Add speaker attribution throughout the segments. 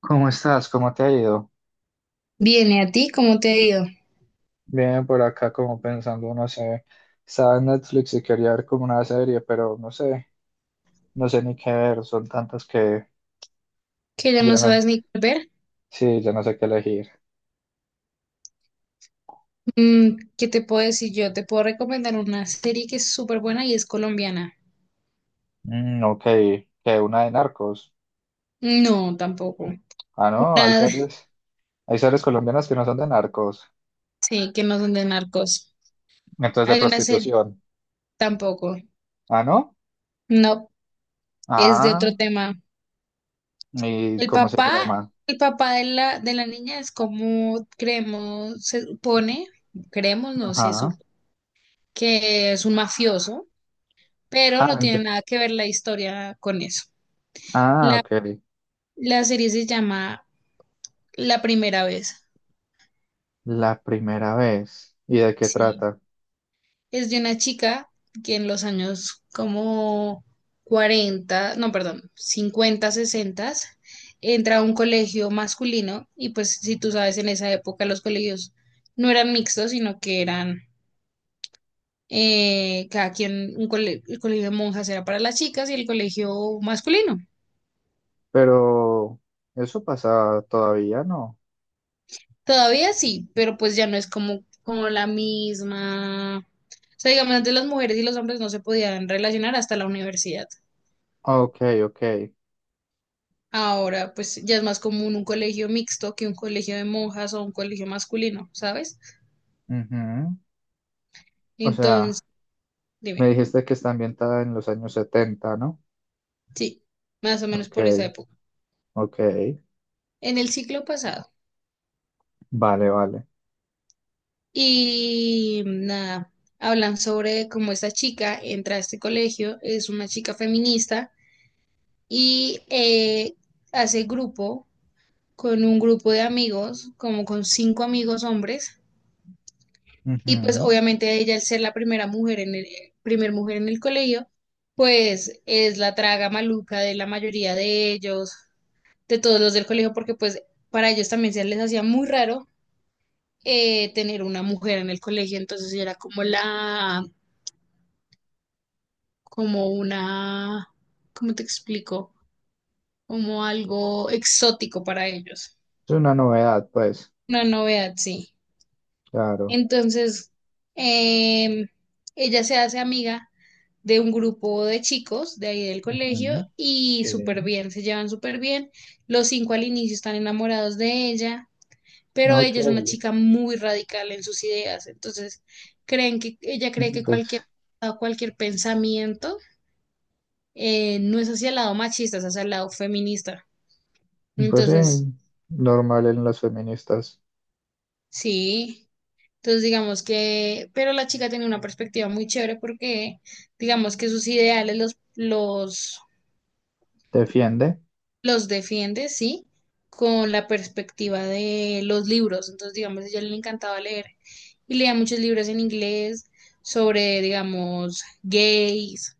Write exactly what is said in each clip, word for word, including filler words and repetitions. Speaker 1: ¿Cómo estás? ¿Cómo te ha ido?
Speaker 2: Viene a ti, cómo te ha ido
Speaker 1: Bien, por acá como pensando, no sé, estaba en Netflix y quería ver como una serie, pero no sé, no sé ni qué ver, son tantas que
Speaker 2: que ya no
Speaker 1: ya no,
Speaker 2: sabes ni qué ver.
Speaker 1: sí, ya no sé qué elegir.
Speaker 2: Mm, ¿qué te puedo decir yo? Te puedo recomendar una serie que es súper buena y es colombiana.
Speaker 1: Mm, ok, que una de narcos.
Speaker 2: No, tampoco.
Speaker 1: Ah, no, hay
Speaker 2: Nada,
Speaker 1: series, hay series colombianas que no son de narcos,
Speaker 2: sí, que no son de narcos.
Speaker 1: entonces de
Speaker 2: Hay una serie,
Speaker 1: prostitución.
Speaker 2: tampoco.
Speaker 1: Ah, no,
Speaker 2: No, es de
Speaker 1: ah,
Speaker 2: otro tema.
Speaker 1: ¿y
Speaker 2: El
Speaker 1: cómo se
Speaker 2: papá,
Speaker 1: llama?
Speaker 2: el papá de la, de la niña es como creemos, se supone, creemos, no sé, sup-
Speaker 1: Ajá,
Speaker 2: que es un mafioso, pero
Speaker 1: ah,
Speaker 2: no
Speaker 1: ent-
Speaker 2: tiene nada que ver la historia con eso.
Speaker 1: ah, ok,
Speaker 2: La serie se llama La primera vez,
Speaker 1: la primera vez. ¿Y de qué
Speaker 2: sí.
Speaker 1: trata?
Speaker 2: Es de una chica que en los años como cuarenta no, perdón, cincuenta sesenta, entra a un colegio masculino y pues si tú sabes, en esa época los colegios no eran mixtos, sino que eran eh, cada quien, un cole- el colegio de monjas era para las chicas y el colegio masculino.
Speaker 1: Pero eso pasa todavía, ¿no?
Speaker 2: Todavía sí, pero pues ya no es como, como la misma. O sea, digamos, antes las mujeres y los hombres no se podían relacionar hasta la universidad.
Speaker 1: Ok, ok.
Speaker 2: Ahora, pues ya es más común un colegio mixto que un colegio de monjas o un colegio masculino, ¿sabes?
Speaker 1: Ujú. O sea,
Speaker 2: Entonces,
Speaker 1: me
Speaker 2: dime,
Speaker 1: dijiste que está ambientada en los años setenta, ¿no?
Speaker 2: sí, más o menos
Speaker 1: Ok,
Speaker 2: por esa época,
Speaker 1: ok.
Speaker 2: en el siglo pasado.
Speaker 1: Vale, vale.
Speaker 2: Y nada, hablan sobre cómo esta chica entra a este colegio, es una chica feminista y eh, hace grupo con un grupo de amigos, como con cinco amigos hombres. Y pues
Speaker 1: Ujú.
Speaker 2: obviamente ella, al ser la primera mujer en el, eh, primer mujer en el colegio, pues es la traga maluca de la mayoría de ellos, de todos los del colegio, porque pues para ellos también se les hacía muy raro eh, tener una mujer en el colegio, entonces ella era como la, como una, ¿cómo te explico? Como algo exótico para ellos,
Speaker 1: Es una novedad, pues,
Speaker 2: una novedad, sí.
Speaker 1: claro.
Speaker 2: Entonces, em, ella se hace amiga de un grupo de chicos de ahí del colegio
Speaker 1: Ujú.
Speaker 2: y súper
Speaker 1: Sí.
Speaker 2: bien, se llevan súper bien. Los cinco al inicio están enamorados de ella, pero
Speaker 1: Ok.
Speaker 2: ella es una chica muy radical en sus ideas, entonces creen que ella cree que cualquier,
Speaker 1: Pues,
Speaker 2: cualquier pensamiento eh, no es hacia el lado machista, es hacia el lado feminista.
Speaker 1: pues sí,
Speaker 2: Entonces,
Speaker 1: normal en las feministas.
Speaker 2: sí. Entonces, digamos que, pero la chica tiene una perspectiva muy chévere porque, digamos que sus ideales los, los
Speaker 1: Defiende.
Speaker 2: los defiende, sí, con la perspectiva de los libros. Entonces, digamos, a ella le encantaba leer y leía muchos libros en inglés sobre, digamos, gays,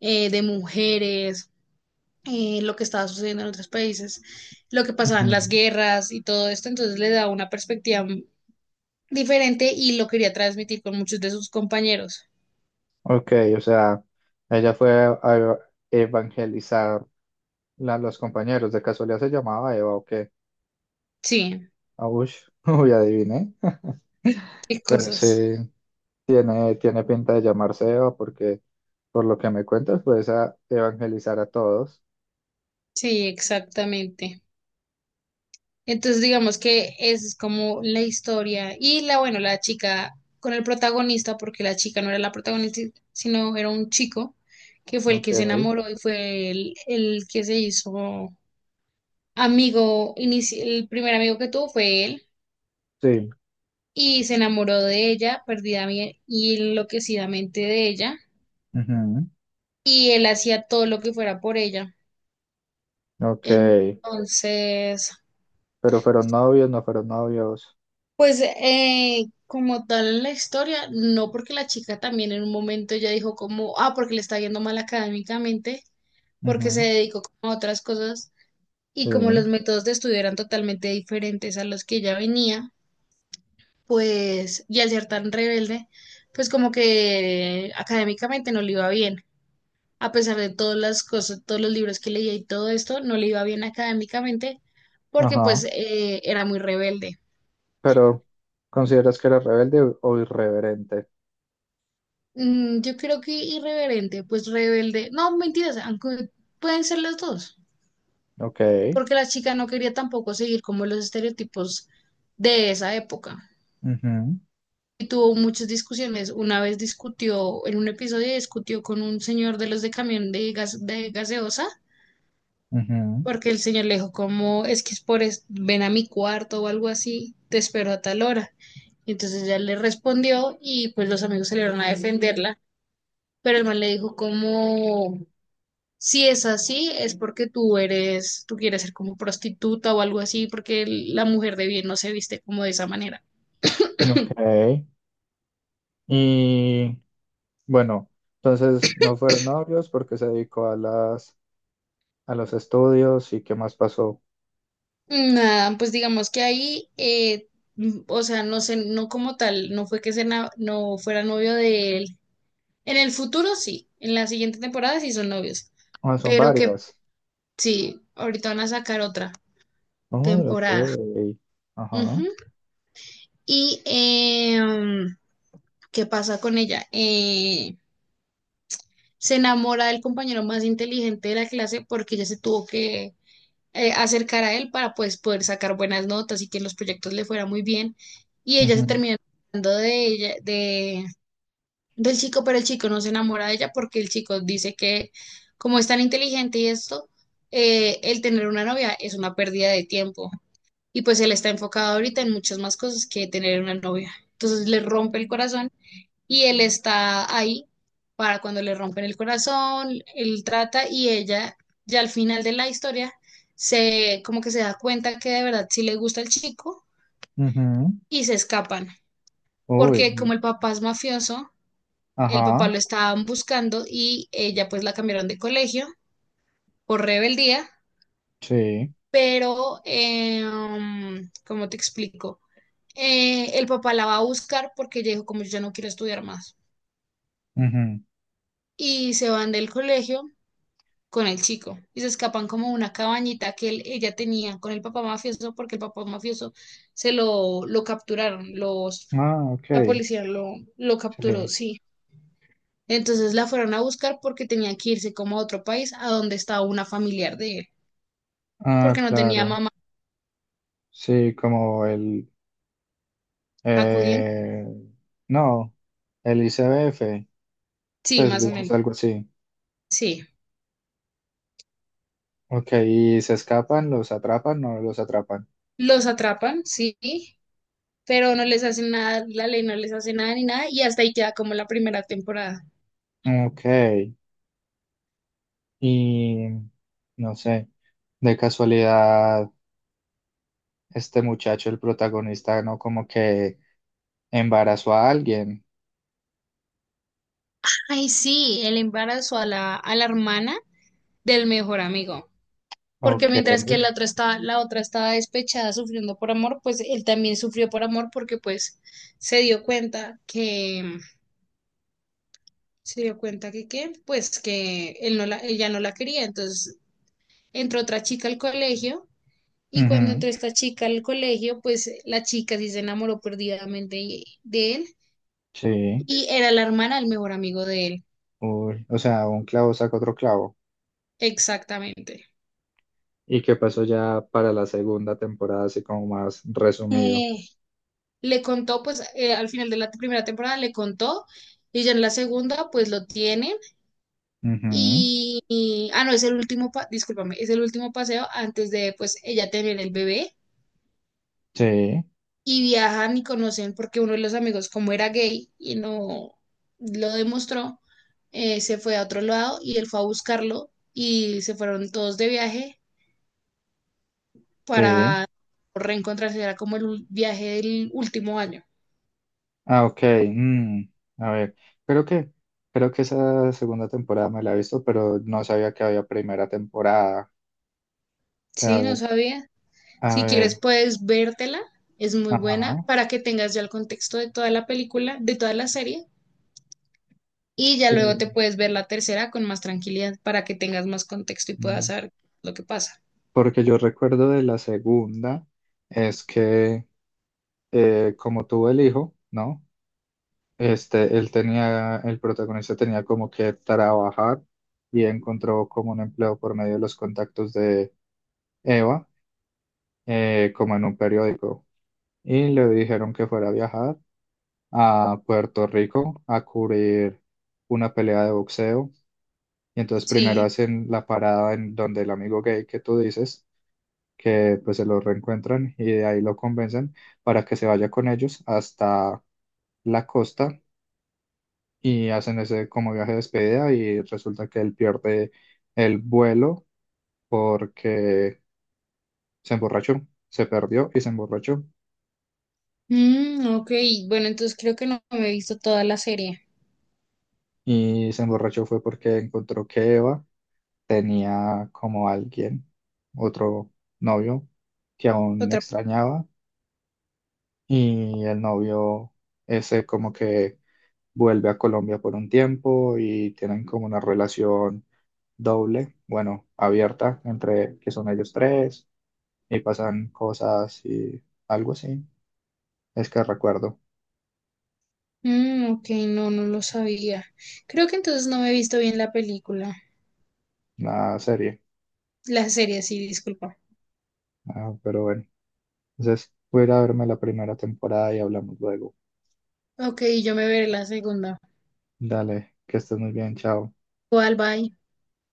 Speaker 2: eh, de mujeres, eh, lo que estaba sucediendo en otros países, lo que pasaban las
Speaker 1: Ujú.
Speaker 2: guerras y todo esto. Entonces, le daba una perspectiva diferente y lo quería transmitir con muchos de sus compañeros.
Speaker 1: Ok, o sea, ella fue a evangelizar a los compañeros. ¿De casualidad se llamaba Eva o qué?
Speaker 2: Sí,
Speaker 1: Aush, uy, adiviné.
Speaker 2: qué
Speaker 1: Pero sí,
Speaker 2: cosas.
Speaker 1: tiene, tiene pinta de llamarse Eva porque, por lo que me cuentas, puedes a evangelizar a todos.
Speaker 2: Sí, exactamente. Entonces, digamos que esa es como la historia. Y la, bueno, la chica con el protagonista, porque la chica no era la protagonista, sino era un chico que fue el
Speaker 1: Ok,
Speaker 2: que se enamoró y fue el, el que se hizo amigo, inici- el primer amigo que tuvo fue él
Speaker 1: sí.
Speaker 2: y se enamoró de ella perdida y enloquecidamente de ella
Speaker 1: Ujú,
Speaker 2: y él hacía todo lo que fuera por ella.
Speaker 1: ok,
Speaker 2: Entonces,
Speaker 1: pero fueron novios, no fueron novios.
Speaker 2: pues eh, como tal la historia, no porque la chica también en un momento ya dijo como, ah, porque le está yendo mal académicamente, porque
Speaker 1: Ujú,
Speaker 2: se dedicó como a otras cosas
Speaker 1: sí,
Speaker 2: y como los métodos de estudio eran totalmente diferentes a los que ella venía, pues, y al ser tan rebelde, pues como que académicamente no le iba bien. A pesar de todas las cosas, todos los libros que leía y todo esto, no le iba bien académicamente porque pues
Speaker 1: ajá.
Speaker 2: eh, era muy rebelde.
Speaker 1: Pero, ¿consideras que era rebelde o o irreverente?
Speaker 2: Mm, yo creo que irreverente, pues rebelde. No, mentiras, aunque pueden ser las dos,
Speaker 1: Ok,
Speaker 2: porque la chica no quería tampoco seguir como los estereotipos de esa época.
Speaker 1: ujú,
Speaker 2: Y tuvo muchas discusiones. Una vez discutió, en un episodio discutió con un señor de los de camión de gas, de gaseosa,
Speaker 1: ujú,
Speaker 2: porque el señor le dijo como, es que es por, es- ven a mi cuarto o algo así, te espero a tal hora. Y entonces ella le respondió y pues los amigos salieron a defenderla, pero el man le dijo como... Si es así, es porque tú eres, tú quieres ser como prostituta o algo así, porque el- la mujer de bien no se viste como de esa manera.
Speaker 1: ok. Y bueno, entonces no fueron novios porque se dedicó a las a los estudios y qué más pasó.
Speaker 2: Nada, pues digamos que ahí, eh, mm, o sea, no sé, no como tal, no fue que se na- no fuera novio de él. En el futuro sí, en la siguiente temporada sí son novios,
Speaker 1: Ah, son
Speaker 2: pero que
Speaker 1: varias.
Speaker 2: sí, ahorita van a sacar otra
Speaker 1: Oh,
Speaker 2: temporada.
Speaker 1: ok. Ajá.
Speaker 2: Ujú. Y eh, ¿qué pasa con ella? Eh, se enamora del compañero más inteligente de la clase porque ella se tuvo que eh, acercar a él para pues, poder sacar buenas notas y que en los proyectos le fuera muy bien. Y ella se
Speaker 1: Ujú,
Speaker 2: termina enamorando de ella, de, del chico, pero el chico no se enamora de ella porque el chico dice que como es tan inteligente y esto, eh, el tener una novia es una pérdida de tiempo. Y pues él está enfocado ahorita en muchas más cosas que tener una novia. Entonces le rompe el corazón y él está ahí para cuando le rompen el corazón, él trata y ella ya al final de la historia se como que se da cuenta que de verdad sí le gusta el chico
Speaker 1: ujú.
Speaker 2: y se escapan,
Speaker 1: Uy.
Speaker 2: porque como el papá es mafioso, el papá
Speaker 1: Ajá.
Speaker 2: lo estaban buscando y ella pues la cambiaron de colegio por rebeldía,
Speaker 1: Sí.
Speaker 2: pero como ¿cómo te explico? Eh, el papá la va a buscar porque ella dijo como yo ya no quiero estudiar más
Speaker 1: Ujú.
Speaker 2: y se van del colegio con el chico y se escapan como a una cabañita que él- ella tenía con el papá mafioso porque el papá mafioso se lo, lo capturaron, los,
Speaker 1: Ah, ok.
Speaker 2: la policía lo, lo capturó,
Speaker 1: Sí.
Speaker 2: sí. Entonces la fueron a buscar porque tenía que irse como a otro país a donde estaba una familiar de él,
Speaker 1: Ah,
Speaker 2: porque no tenía
Speaker 1: claro.
Speaker 2: mamá
Speaker 1: Sí, como el...
Speaker 2: acudiendo.
Speaker 1: eh, no, el I C B F.
Speaker 2: Sí,
Speaker 1: Pues
Speaker 2: más o
Speaker 1: digamos
Speaker 2: menos,
Speaker 1: algo así.
Speaker 2: sí.
Speaker 1: Ok, ¿y se escapan? ¿Los atrapan? ¿No los atrapan?
Speaker 2: Los atrapan, sí, pero no les hacen nada, la ley no les hace nada ni nada y hasta ahí queda como la primera temporada.
Speaker 1: Ok. Y... No sé. De casualidad. Este muchacho, el protagonista, ¿no? Como que embarazó a alguien.
Speaker 2: Ay, sí, él embarazó a la, a la, hermana del mejor amigo. Porque
Speaker 1: Ok.
Speaker 2: mientras que la otra estaba, la otra estaba despechada sufriendo por amor, pues él también sufrió por amor porque pues se dio cuenta que, se dio cuenta que qué, pues que él no la, ella no la quería. Entonces entró otra chica al colegio y cuando
Speaker 1: Ujú.
Speaker 2: entró esta chica al colegio, pues la chica sí se enamoró perdidamente de de él
Speaker 1: Sí.
Speaker 2: y era la hermana del mejor amigo de él.
Speaker 1: Uy, o sea, un clavo saca otro clavo.
Speaker 2: Exactamente.
Speaker 1: ¿Y qué pasó ya para la segunda temporada, así como más resumido?
Speaker 2: Eh, Le contó, pues eh, al final de la primera temporada le contó y ya en la segunda, pues lo tiene.
Speaker 1: Ujú.
Speaker 2: Y, y- ah, no, es el último, pa- discúlpame, es el último paseo antes de, pues, ella tener el bebé.
Speaker 1: Sí,
Speaker 2: Y viajan y conocen porque uno de los amigos, como era gay y no lo demostró, eh, se fue a otro lado y él fue a buscarlo y se fueron todos de viaje
Speaker 1: sí.
Speaker 2: para reencontrarse. Era como el ul- viaje del último año.
Speaker 1: Ah, ok. Mm, a ver, creo que, creo que esa segunda temporada me la he visto, pero no sabía que había primera temporada. A
Speaker 2: Sí, no
Speaker 1: ver,
Speaker 2: sabía.
Speaker 1: a
Speaker 2: Si
Speaker 1: ver.
Speaker 2: quieres, puedes vértela. Es muy buena
Speaker 1: Ajá.
Speaker 2: para que tengas ya el contexto de toda la película, de toda la serie. Y ya
Speaker 1: Sí.
Speaker 2: luego te puedes ver la tercera con más tranquilidad para que tengas más contexto y puedas saber lo que pasa.
Speaker 1: Porque yo recuerdo de la segunda es que eh, como tuvo el hijo, ¿no? Este, él tenía, el protagonista tenía como que trabajar y encontró como un empleo por medio de los contactos de Eva, eh, como en un periódico. Y le dijeron que fuera a viajar a Puerto Rico a cubrir una pelea de boxeo. Y entonces primero
Speaker 2: Sí.
Speaker 1: hacen la parada en donde el amigo gay que tú dices que pues se lo reencuentran y de ahí lo convencen para que se vaya con ellos hasta la costa y hacen ese como viaje de despedida y resulta que él pierde el vuelo porque se emborrachó, se perdió y se emborrachó.
Speaker 2: Mm, ok, bueno, entonces creo que no me he visto toda la serie.
Speaker 1: Y se emborrachó fue porque encontró que Eva tenía como alguien, otro novio que aún
Speaker 2: Otra.
Speaker 1: extrañaba y el novio ese como que vuelve a Colombia por un tiempo y tienen como una relación doble, bueno, abierta entre que son ellos tres y pasan cosas y algo así. Es que recuerdo
Speaker 2: Mm, ok, no, no lo sabía. Creo que entonces no me he visto bien la película.
Speaker 1: la serie.
Speaker 2: La serie, sí, disculpa.
Speaker 1: Ah, pero bueno, entonces voy a ir a verme la primera temporada y hablamos luego.
Speaker 2: Ok, yo me veré la segunda.
Speaker 1: Dale, que estés muy bien, chao.
Speaker 2: ¿Cuál, bye?